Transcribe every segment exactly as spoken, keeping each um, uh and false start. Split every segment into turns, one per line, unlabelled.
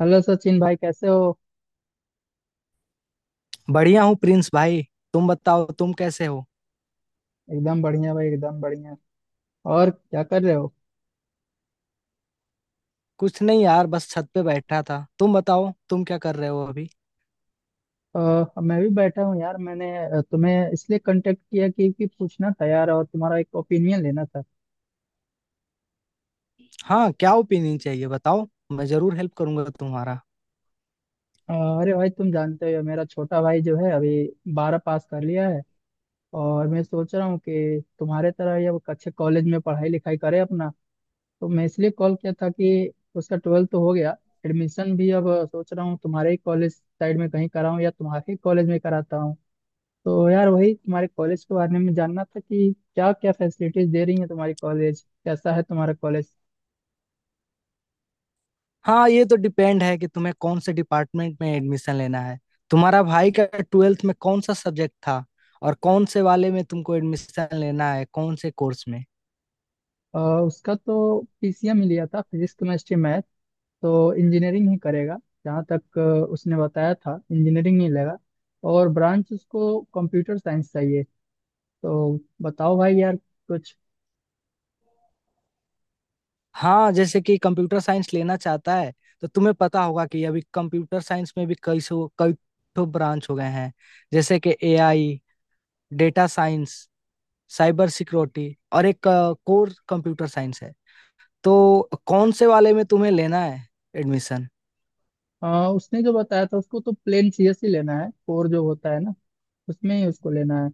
Hello Sachin भाई, कैसे हो?
बढ़िया हूँ प्रिंस भाई। तुम बताओ तुम कैसे हो।
एकदम बढ़िया भाई, एकदम बढ़िया। और क्या कर रहे हो?
कुछ नहीं यार बस छत पे बैठा था। तुम बताओ तुम क्या कर रहे हो अभी।
अ, मैं भी बैठा हूँ यार। मैंने अ, तुम्हें इसलिए कांटेक्ट किया कि, कि पूछना था यार, और तुम्हारा एक ओपिनियन लेना था।
हाँ क्या ओपिनियन चाहिए बताओ। मैं जरूर हेल्प करूंगा तुम्हारा।
अ, अरे भाई, तुम जानते हो मेरा छोटा भाई जो है अभी बारह पास कर लिया है। और मैं सोच रहा हूँ कि तुम्हारे तरह ये वो अच्छे कॉलेज में पढ़ाई लिखाई करे अपना। तो मैं इसलिए कॉल किया था कि उसका ट्वेल्थ तो हो गया, एडमिशन भी अब। सोच रहा हूँ तुम्हारे ही कॉलेज साइड में कहीं कराऊँ या तुम्हारे ही कॉलेज में कराता हूँ। तो यार, वही तुम्हारे कॉलेज के बारे में जानना था कि क्या क्या फैसिलिटीज दे रही है तुम्हारी कॉलेज, कैसा है तुम्हारा कॉलेज?
हाँ ये तो डिपेंड है कि तुम्हें कौन से डिपार्टमेंट में एडमिशन लेना है। तुम्हारा भाई का ट्वेल्थ में कौन सा सब्जेक्ट था। और कौन से वाले में तुमको एडमिशन लेना है, कौन से कोर्स में।
अ, उसका तो पी सी एम ही लिया था, फिजिक्स केमिस्ट्री मैथ। तो इंजीनियरिंग ही करेगा। जहाँ तक अ, उसने बताया था इंजीनियरिंग ही लेगा। और ब्रांच उसको कंप्यूटर साइंस चाहिए। तो बताओ भाई यार कुछ।
हाँ जैसे कि कंप्यूटर साइंस लेना चाहता है, तो तुम्हें पता होगा कि अभी कंप्यूटर साइंस में भी कई सौ कई ठो ब्रांच हो गए हैं। जैसे कि ए आई, डेटा साइंस, साइबर सिक्योरिटी और एक कोर कंप्यूटर साइंस है। तो कौन से वाले में तुम्हें लेना है एडमिशन।
अ, उसने जो बताया था उसको तो प्लेन सी एस ही लेना है, कोर जो होता है ना, उसमें ही उसको लेना है।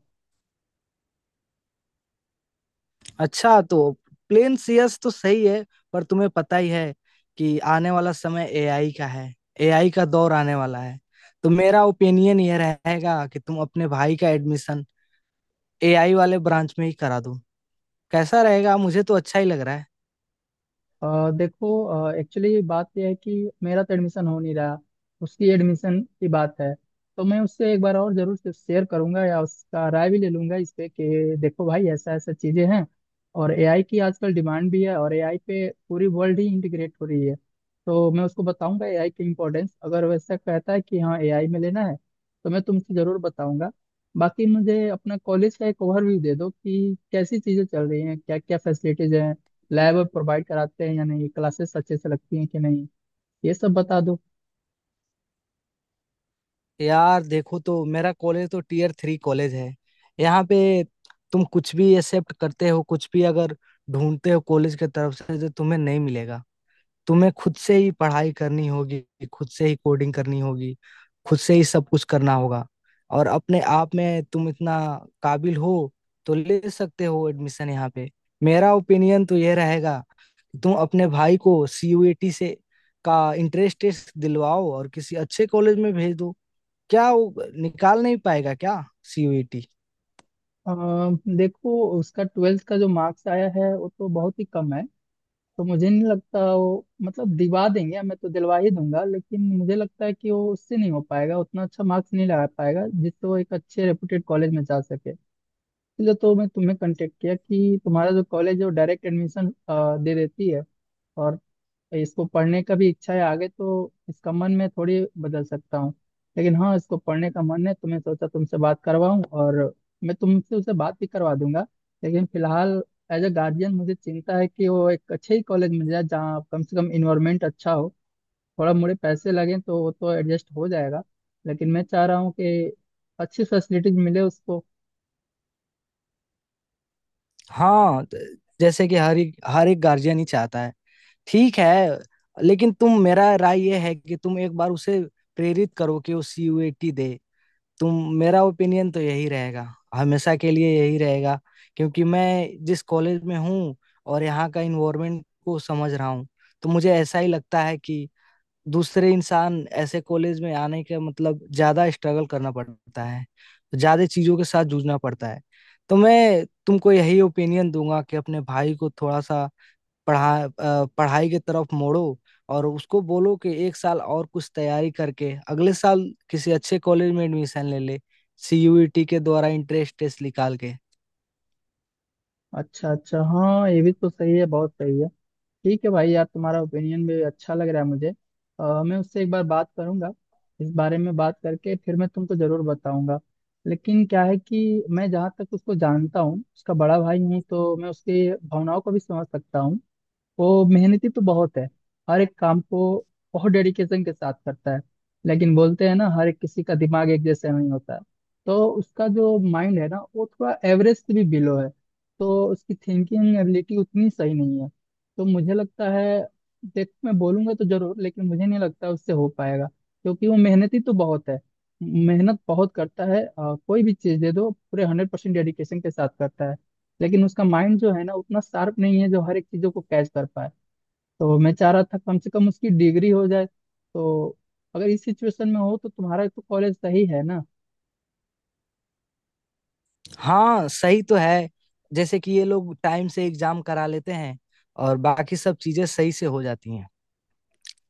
अच्छा तो प्लेन सी एस तो सही है, पर तुम्हें पता ही है कि आने वाला समय ए आई का है। ए आई का दौर आने वाला है। तो मेरा ओपिनियन ये रहेगा कि तुम अपने भाई का एडमिशन ए आई वाले ब्रांच में ही करा दो। कैसा रहेगा, मुझे तो अच्छा ही लग रहा है।
अ देखो, एक्चुअली बात यह है कि मेरा तो एडमिशन हो नहीं रहा, उसकी एडमिशन की बात है। तो मैं उससे एक बार और जरूर से शेयर करूंगा या उसका राय भी ले लूंगा इस पे कि देखो भाई, ऐसा ऐसा चीजें हैं। और ए आई की आजकल डिमांड भी है, और ए आई पे पूरी वर्ल्ड ही इंटीग्रेट हो रही है। तो मैं उसको बताऊंगा ए आई की इम्पोर्टेंस। अगर वैसा कहता है कि हाँ ए आई में लेना है, तो मैं तुमसे जरूर बताऊंगा। बाकी मुझे अपना कॉलेज का एक ओवरव्यू दे दो कि कैसी चीजें चल रही हैं, क्या क्या फैसिलिटीज हैं, लैब प्रोवाइड कराते हैं या नहीं, क्लासेस अच्छे से लगती हैं कि नहीं, ये सब बता दो।
यार देखो तो मेरा कॉलेज तो टीयर थ्री कॉलेज है। यहाँ पे तुम कुछ भी एक्सेप्ट करते हो, कुछ भी अगर ढूंढते हो कॉलेज के तरफ से, जो तुम्हें नहीं मिलेगा। तुम्हें खुद से ही पढ़ाई करनी होगी, खुद से ही कोडिंग करनी होगी, खुद से ही सब कुछ करना होगा। और अपने आप में तुम इतना काबिल हो तो ले सकते हो एडमिशन यहाँ पे। मेरा ओपिनियन तो यह रहेगा कि तुम अपने भाई को सी यू ई टी से का इंट्रेंस टेस्ट दिलवाओ और किसी अच्छे कॉलेज में भेज दो। क्या वो निकाल नहीं पाएगा क्या सी यू ई टी।
अम, देखो, उसका ट्वेल्थ का जो मार्क्स आया है वो तो बहुत ही कम है। तो मुझे नहीं लगता वो, मतलब दिवा देंगे, मैं तो दिलवा ही दूंगा, लेकिन मुझे लगता है कि वो उससे नहीं हो पाएगा, उतना अच्छा मार्क्स नहीं लगा पाएगा जिससे वो एक अच्छे रेपुटेड कॉलेज में जा सके। इसलिए तो मैं तुम्हें कांटेक्ट किया कि तुम्हारा जो कॉलेज है वो डायरेक्ट एडमिशन दे देती है। और इसको पढ़ने का भी इच्छा है आगे, तो इसका मन मैं थोड़ी बदल सकता हूँ। लेकिन हाँ, इसको पढ़ने का मन है तो मैं सोचा तुमसे बात करवाऊँ, और मैं तुमसे उसे बात भी करवा दूंगा। लेकिन फिलहाल एज अ गार्जियन मुझे चिंता है कि वो एक अच्छे ही कॉलेज मिल जाए जहाँ कम से कम इन्वायरमेंट अच्छा हो। थोड़ा मोड़े पैसे लगें तो वो तो एडजस्ट हो जाएगा, लेकिन मैं चाह रहा हूँ कि अच्छी फैसिलिटीज मिले उसको।
हाँ, त- जैसे कि हर एक हर एक गार्जियन ही चाहता है। ठीक है, लेकिन तुम मेरा राय ये है कि तुम एक बार उसे प्रेरित करो कि वो सी यू ई टी दे। तुम मेरा ओपिनियन तो यही रहेगा, हमेशा के लिए यही रहेगा। क्योंकि मैं जिस कॉलेज में हूँ और यहाँ का इन्वायरमेंट को समझ रहा हूँ, तो मुझे ऐसा ही लगता है कि दूसरे इंसान ऐसे कॉलेज में आने का मतलब ज्यादा स्ट्रगल करना पड़ता है, ज्यादा चीजों के साथ जूझना पड़ता है। तो मैं तुमको यही ओपिनियन दूंगा कि अपने भाई को थोड़ा सा पढ़ा अ, पढ़ाई की तरफ मोड़ो। और उसको बोलो कि एक साल और कुछ तैयारी करके अगले साल किसी अच्छे कॉलेज में एडमिशन ले ले, सीयूईटी के द्वारा इंट्रेंस टेस्ट निकाल के।
अच्छा अच्छा, हाँ ये भी तो सही है, बहुत सही है। ठीक है भाई यार, तुम्हारा ओपिनियन भी अच्छा लग रहा है मुझे। अ, मैं उससे एक बार बात करूंगा, इस बारे में बात करके फिर मैं तुमको जरूर बताऊंगा। लेकिन क्या है कि मैं जहाँ तक उसको जानता हूँ, उसका बड़ा भाई हूँ तो मैं उसकी भावनाओं को भी समझ सकता हूँ। वो मेहनती तो बहुत है, हर एक काम को बहुत डेडिकेशन के साथ करता है। लेकिन बोलते हैं ना, हर एक किसी का दिमाग एक जैसा नहीं होता। तो उसका जो माइंड है ना, वो थोड़ा एवरेज से भी बिलो है। तो उसकी थिंकिंग एबिलिटी उतनी सही नहीं है। तो मुझे लगता है देख, मैं बोलूंगा तो जरूर, लेकिन मुझे नहीं लगता उससे हो पाएगा, क्योंकि वो मेहनती तो बहुत है। मेहनत बहुत करता है। अ, कोई भी चीज दे दो पूरे हंड्रेड परसेंट डेडिकेशन के साथ करता है। लेकिन उसका माइंड जो है ना, उतना शार्प नहीं है जो हर एक चीजों को कैच कर पाए। तो मैं चाह रहा था कम से कम उसकी डिग्री हो जाए। तो अगर इस सिचुएशन में हो, तो तुम्हारा तो कॉलेज सही है ना?
हाँ सही तो है। जैसे कि ये लोग टाइम से एग्जाम करा लेते हैं और बाकी सब चीजें सही से हो जाती हैं।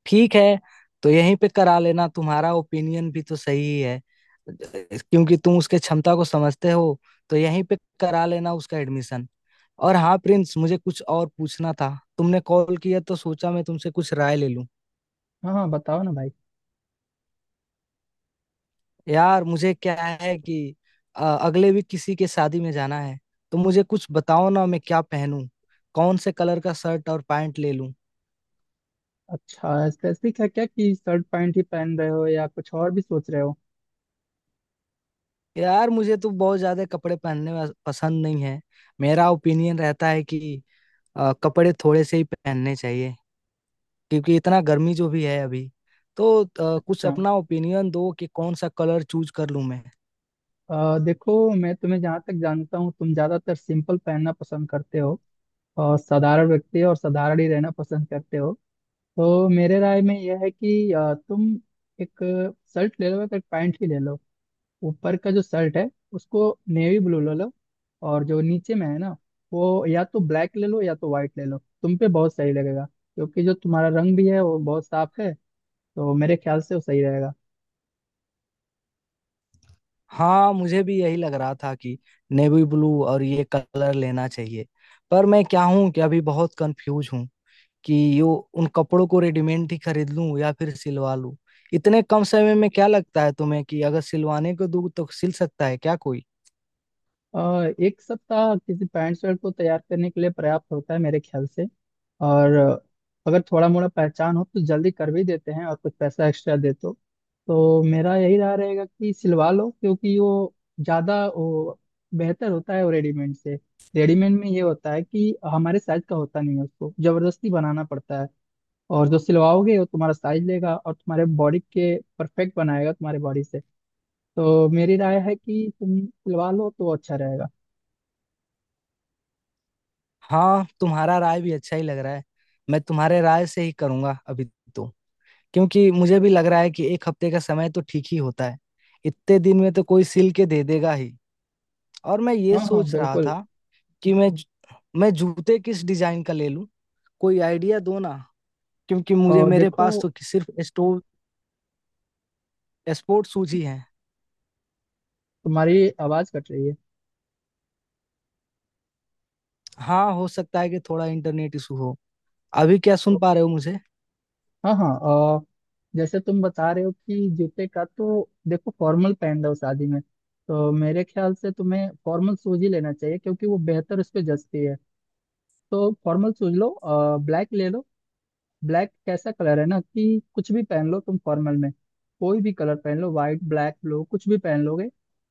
ठीक है, तो यहीं पे करा लेना। तुम्हारा ओपिनियन भी तो सही ही है, क्योंकि तुम उसके क्षमता को समझते हो। तो यहीं पे करा लेना उसका एडमिशन। और हाँ प्रिंस, मुझे कुछ और पूछना था। तुमने कॉल किया तो सोचा मैं तुमसे कुछ राय ले लूं।
हाँ हाँ, बताओ ना भाई।
यार मुझे क्या है कि अ, अगले वीक किसी के शादी में जाना है। तो मुझे कुछ बताओ ना, मैं क्या पहनूं, कौन से कलर का शर्ट और पैंट ले लूं।
अच्छा, स्पेसिफिक है क्या कि शर्ट पैंट ही पहन रहे हो या कुछ और भी सोच रहे हो?
यार मुझे तो बहुत ज्यादा कपड़े पहनने वा- पसंद नहीं है। मेरा ओपिनियन रहता है कि अ, कपड़े थोड़े से ही पहनने चाहिए, क्योंकि इतना गर्मी जो भी है अभी। तो अ, कुछ
अच्छा।
अपना ओपिनियन दो कि कौन सा कलर चूज कर लूं मैं।
अ, देखो, मैं तुम्हें जहाँ तक जानता हूँ तुम ज्यादातर सिंपल पहनना पसंद करते हो। और साधारण व्यक्ति और साधारण ही रहना पसंद करते हो। तो मेरे राय में यह है कि अ, तुम एक शर्ट ले लो, एक पैंट ही ले लो। ऊपर का जो शर्ट है उसको नेवी ब्लू ले लो। और जो नीचे में है ना, वो या तो ब्लैक ले लो या तो व्हाइट ले लो, तुम पे बहुत सही लगेगा। क्योंकि जो तुम्हारा रंग भी है वो बहुत साफ है। तो मेरे ख्याल से वो सही रहेगा।
हाँ मुझे भी यही लग रहा था कि नेवी ब्लू और ये कलर लेना चाहिए। पर मैं क्या हूँ कि अभी बहुत कंफ्यूज हूँ कि यो उन कपड़ों को रेडीमेड ही खरीद लूं या फिर सिलवा लूं। इतने कम समय में क्या लगता है तुम्हें कि अगर सिलवाने को दूं तो सिल सकता है क्या कोई।
अ, एक सप्ताह किसी पैंट शर्ट को तैयार करने के लिए पर्याप्त होता है मेरे ख्याल से। और अ, अगर थोड़ा मोड़ा पहचान हो तो जल्दी कर भी देते हैं, और कुछ पैसा एक्स्ट्रा दे तो। तो मेरा यही राय रहेगा कि सिलवा लो, क्योंकि वो ज़्यादा वो बेहतर होता है वो रेडीमेड से। रेडीमेड में ये होता है कि हमारे साइज का होता नहीं है, उसको जबरदस्ती बनाना पड़ता है। और जो सिलवाओगे वो तुम्हारा साइज लेगा और तुम्हारे बॉडी के परफेक्ट बनाएगा तुम्हारी बॉडी से। तो मेरी राय है कि तुम सिलवा लो तो अच्छा रहेगा।
हाँ तुम्हारा राय भी अच्छा ही लग रहा है। मैं तुम्हारे राय से ही करूंगा अभी। तो क्योंकि मुझे भी लग रहा है कि एक हफ्ते का समय तो ठीक ही होता है, इतने दिन में तो कोई सिल के दे देगा ही। और मैं ये
हाँ हाँ
सोच रहा
बिल्कुल।
था कि मैं मैं जूते किस डिजाइन का ले लूं। कोई आइडिया दो ना, क्योंकि मुझे
और
मेरे
देखो,
पास तो सिर्फ स्टोर स्पोर्ट शूज ही है।
तुम्हारी आवाज कट रही है।
हाँ हो सकता है कि थोड़ा इंटरनेट इशू हो। अभी क्या सुन
तो-
पा रहे हो मुझे।
हाँ हाँ, और जैसे तुम बता रहे हो कि जूते का तो देखो, फॉर्मल पहन लो शादी में। तो मेरे ख्याल से तुम्हें फॉर्मल शूज ही लेना चाहिए, क्योंकि वो बेहतर उस पर जचती है। तो फॉर्मल शूज लो, ब्लैक ले लो। ब्लैक कैसा कलर है ना, कि कुछ भी पहन लो तुम फॉर्मल में। कोई भी कलर पहन लो, व्हाइट ब्लैक ब्लू कुछ भी पहन लोगे।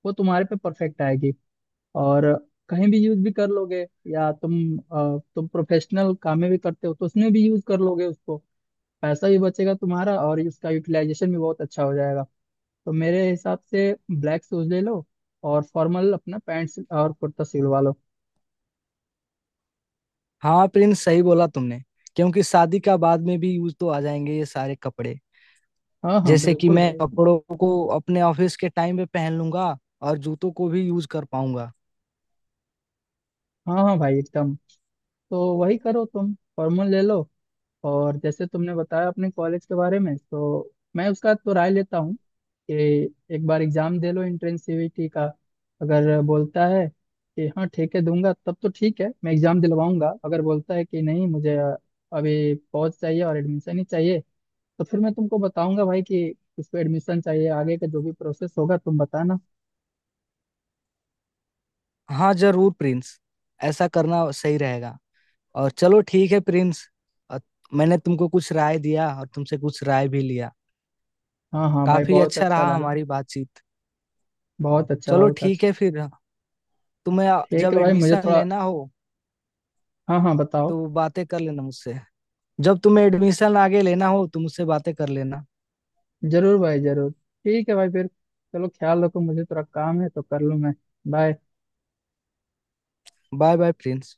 वो तुम्हारे पे परफेक्ट आएगी, और कहीं भी यूज भी कर लोगे। या तुम अ, तुम प्रोफेशनल काम में भी करते हो तो उसमें भी यूज कर लोगे उसको। पैसा भी बचेगा तुम्हारा, और इसका यूटिलाइजेशन भी बहुत अच्छा हो जाएगा। तो मेरे हिसाब से ब्लैक शूज ले लो। और फॉर्मल अपना पैंट्स और कुर्ता सिलवा लो।
हाँ प्रिंस सही बोला तुमने, क्योंकि शादी का बाद में भी यूज तो आ जाएंगे ये सारे कपड़े।
हाँ हाँ
जैसे कि
बिल्कुल
मैं
भाई।
कपड़ों को अपने ऑफिस के टाइम पे पहन लूंगा, और जूतों को भी यूज कर पाऊंगा।
हाँ हाँ भाई एकदम। तो वही करो, तुम फॉर्मल ले लो। और जैसे तुमने बताया अपने कॉलेज के बारे में, तो मैं उसका तो राय लेता हूँ कि एक बार एग्जाम दे लो एंट्रेंस सी ई टी का। अगर बोलता है कि हाँ ठीक है दूंगा, तब तो ठीक है, मैं एग्जाम दिलवाऊंगा। अगर बोलता है कि नहीं, मुझे अभी पहुंच चाहिए और एडमिशन ही चाहिए। तो फिर मैं तुमको बताऊंगा भाई कि इसको एडमिशन चाहिए, आगे का जो भी प्रोसेस होगा तुम बताना।
हाँ जरूर प्रिंस, ऐसा करना सही रहेगा। और चलो ठीक है प्रिंस, अ, मैंने तुमको कुछ राय दिया और तुमसे कुछ राय भी लिया।
हाँ हाँ भाई,
काफी
बहुत
अच्छा
अच्छा
रहा
लगा।
हमारी बातचीत।
बहुत अच्छा
चलो
बहुत अच्छा।
ठीक है फिर। तुम्हें
ठीक
जब
है भाई, मुझे
एडमिशन
थोड़ा।
लेना हो
हाँ हाँ बताओ।
तो बातें कर लेना मुझसे। जब तुम्हें एडमिशन आगे लेना हो तो मुझसे बातें कर लेना।
जरूर भाई जरूर, ठीक है भाई फिर। चलो, ख्याल रखो, मुझे थोड़ा काम है तो कर लूँ मैं। बाय।
Bye bye Prince.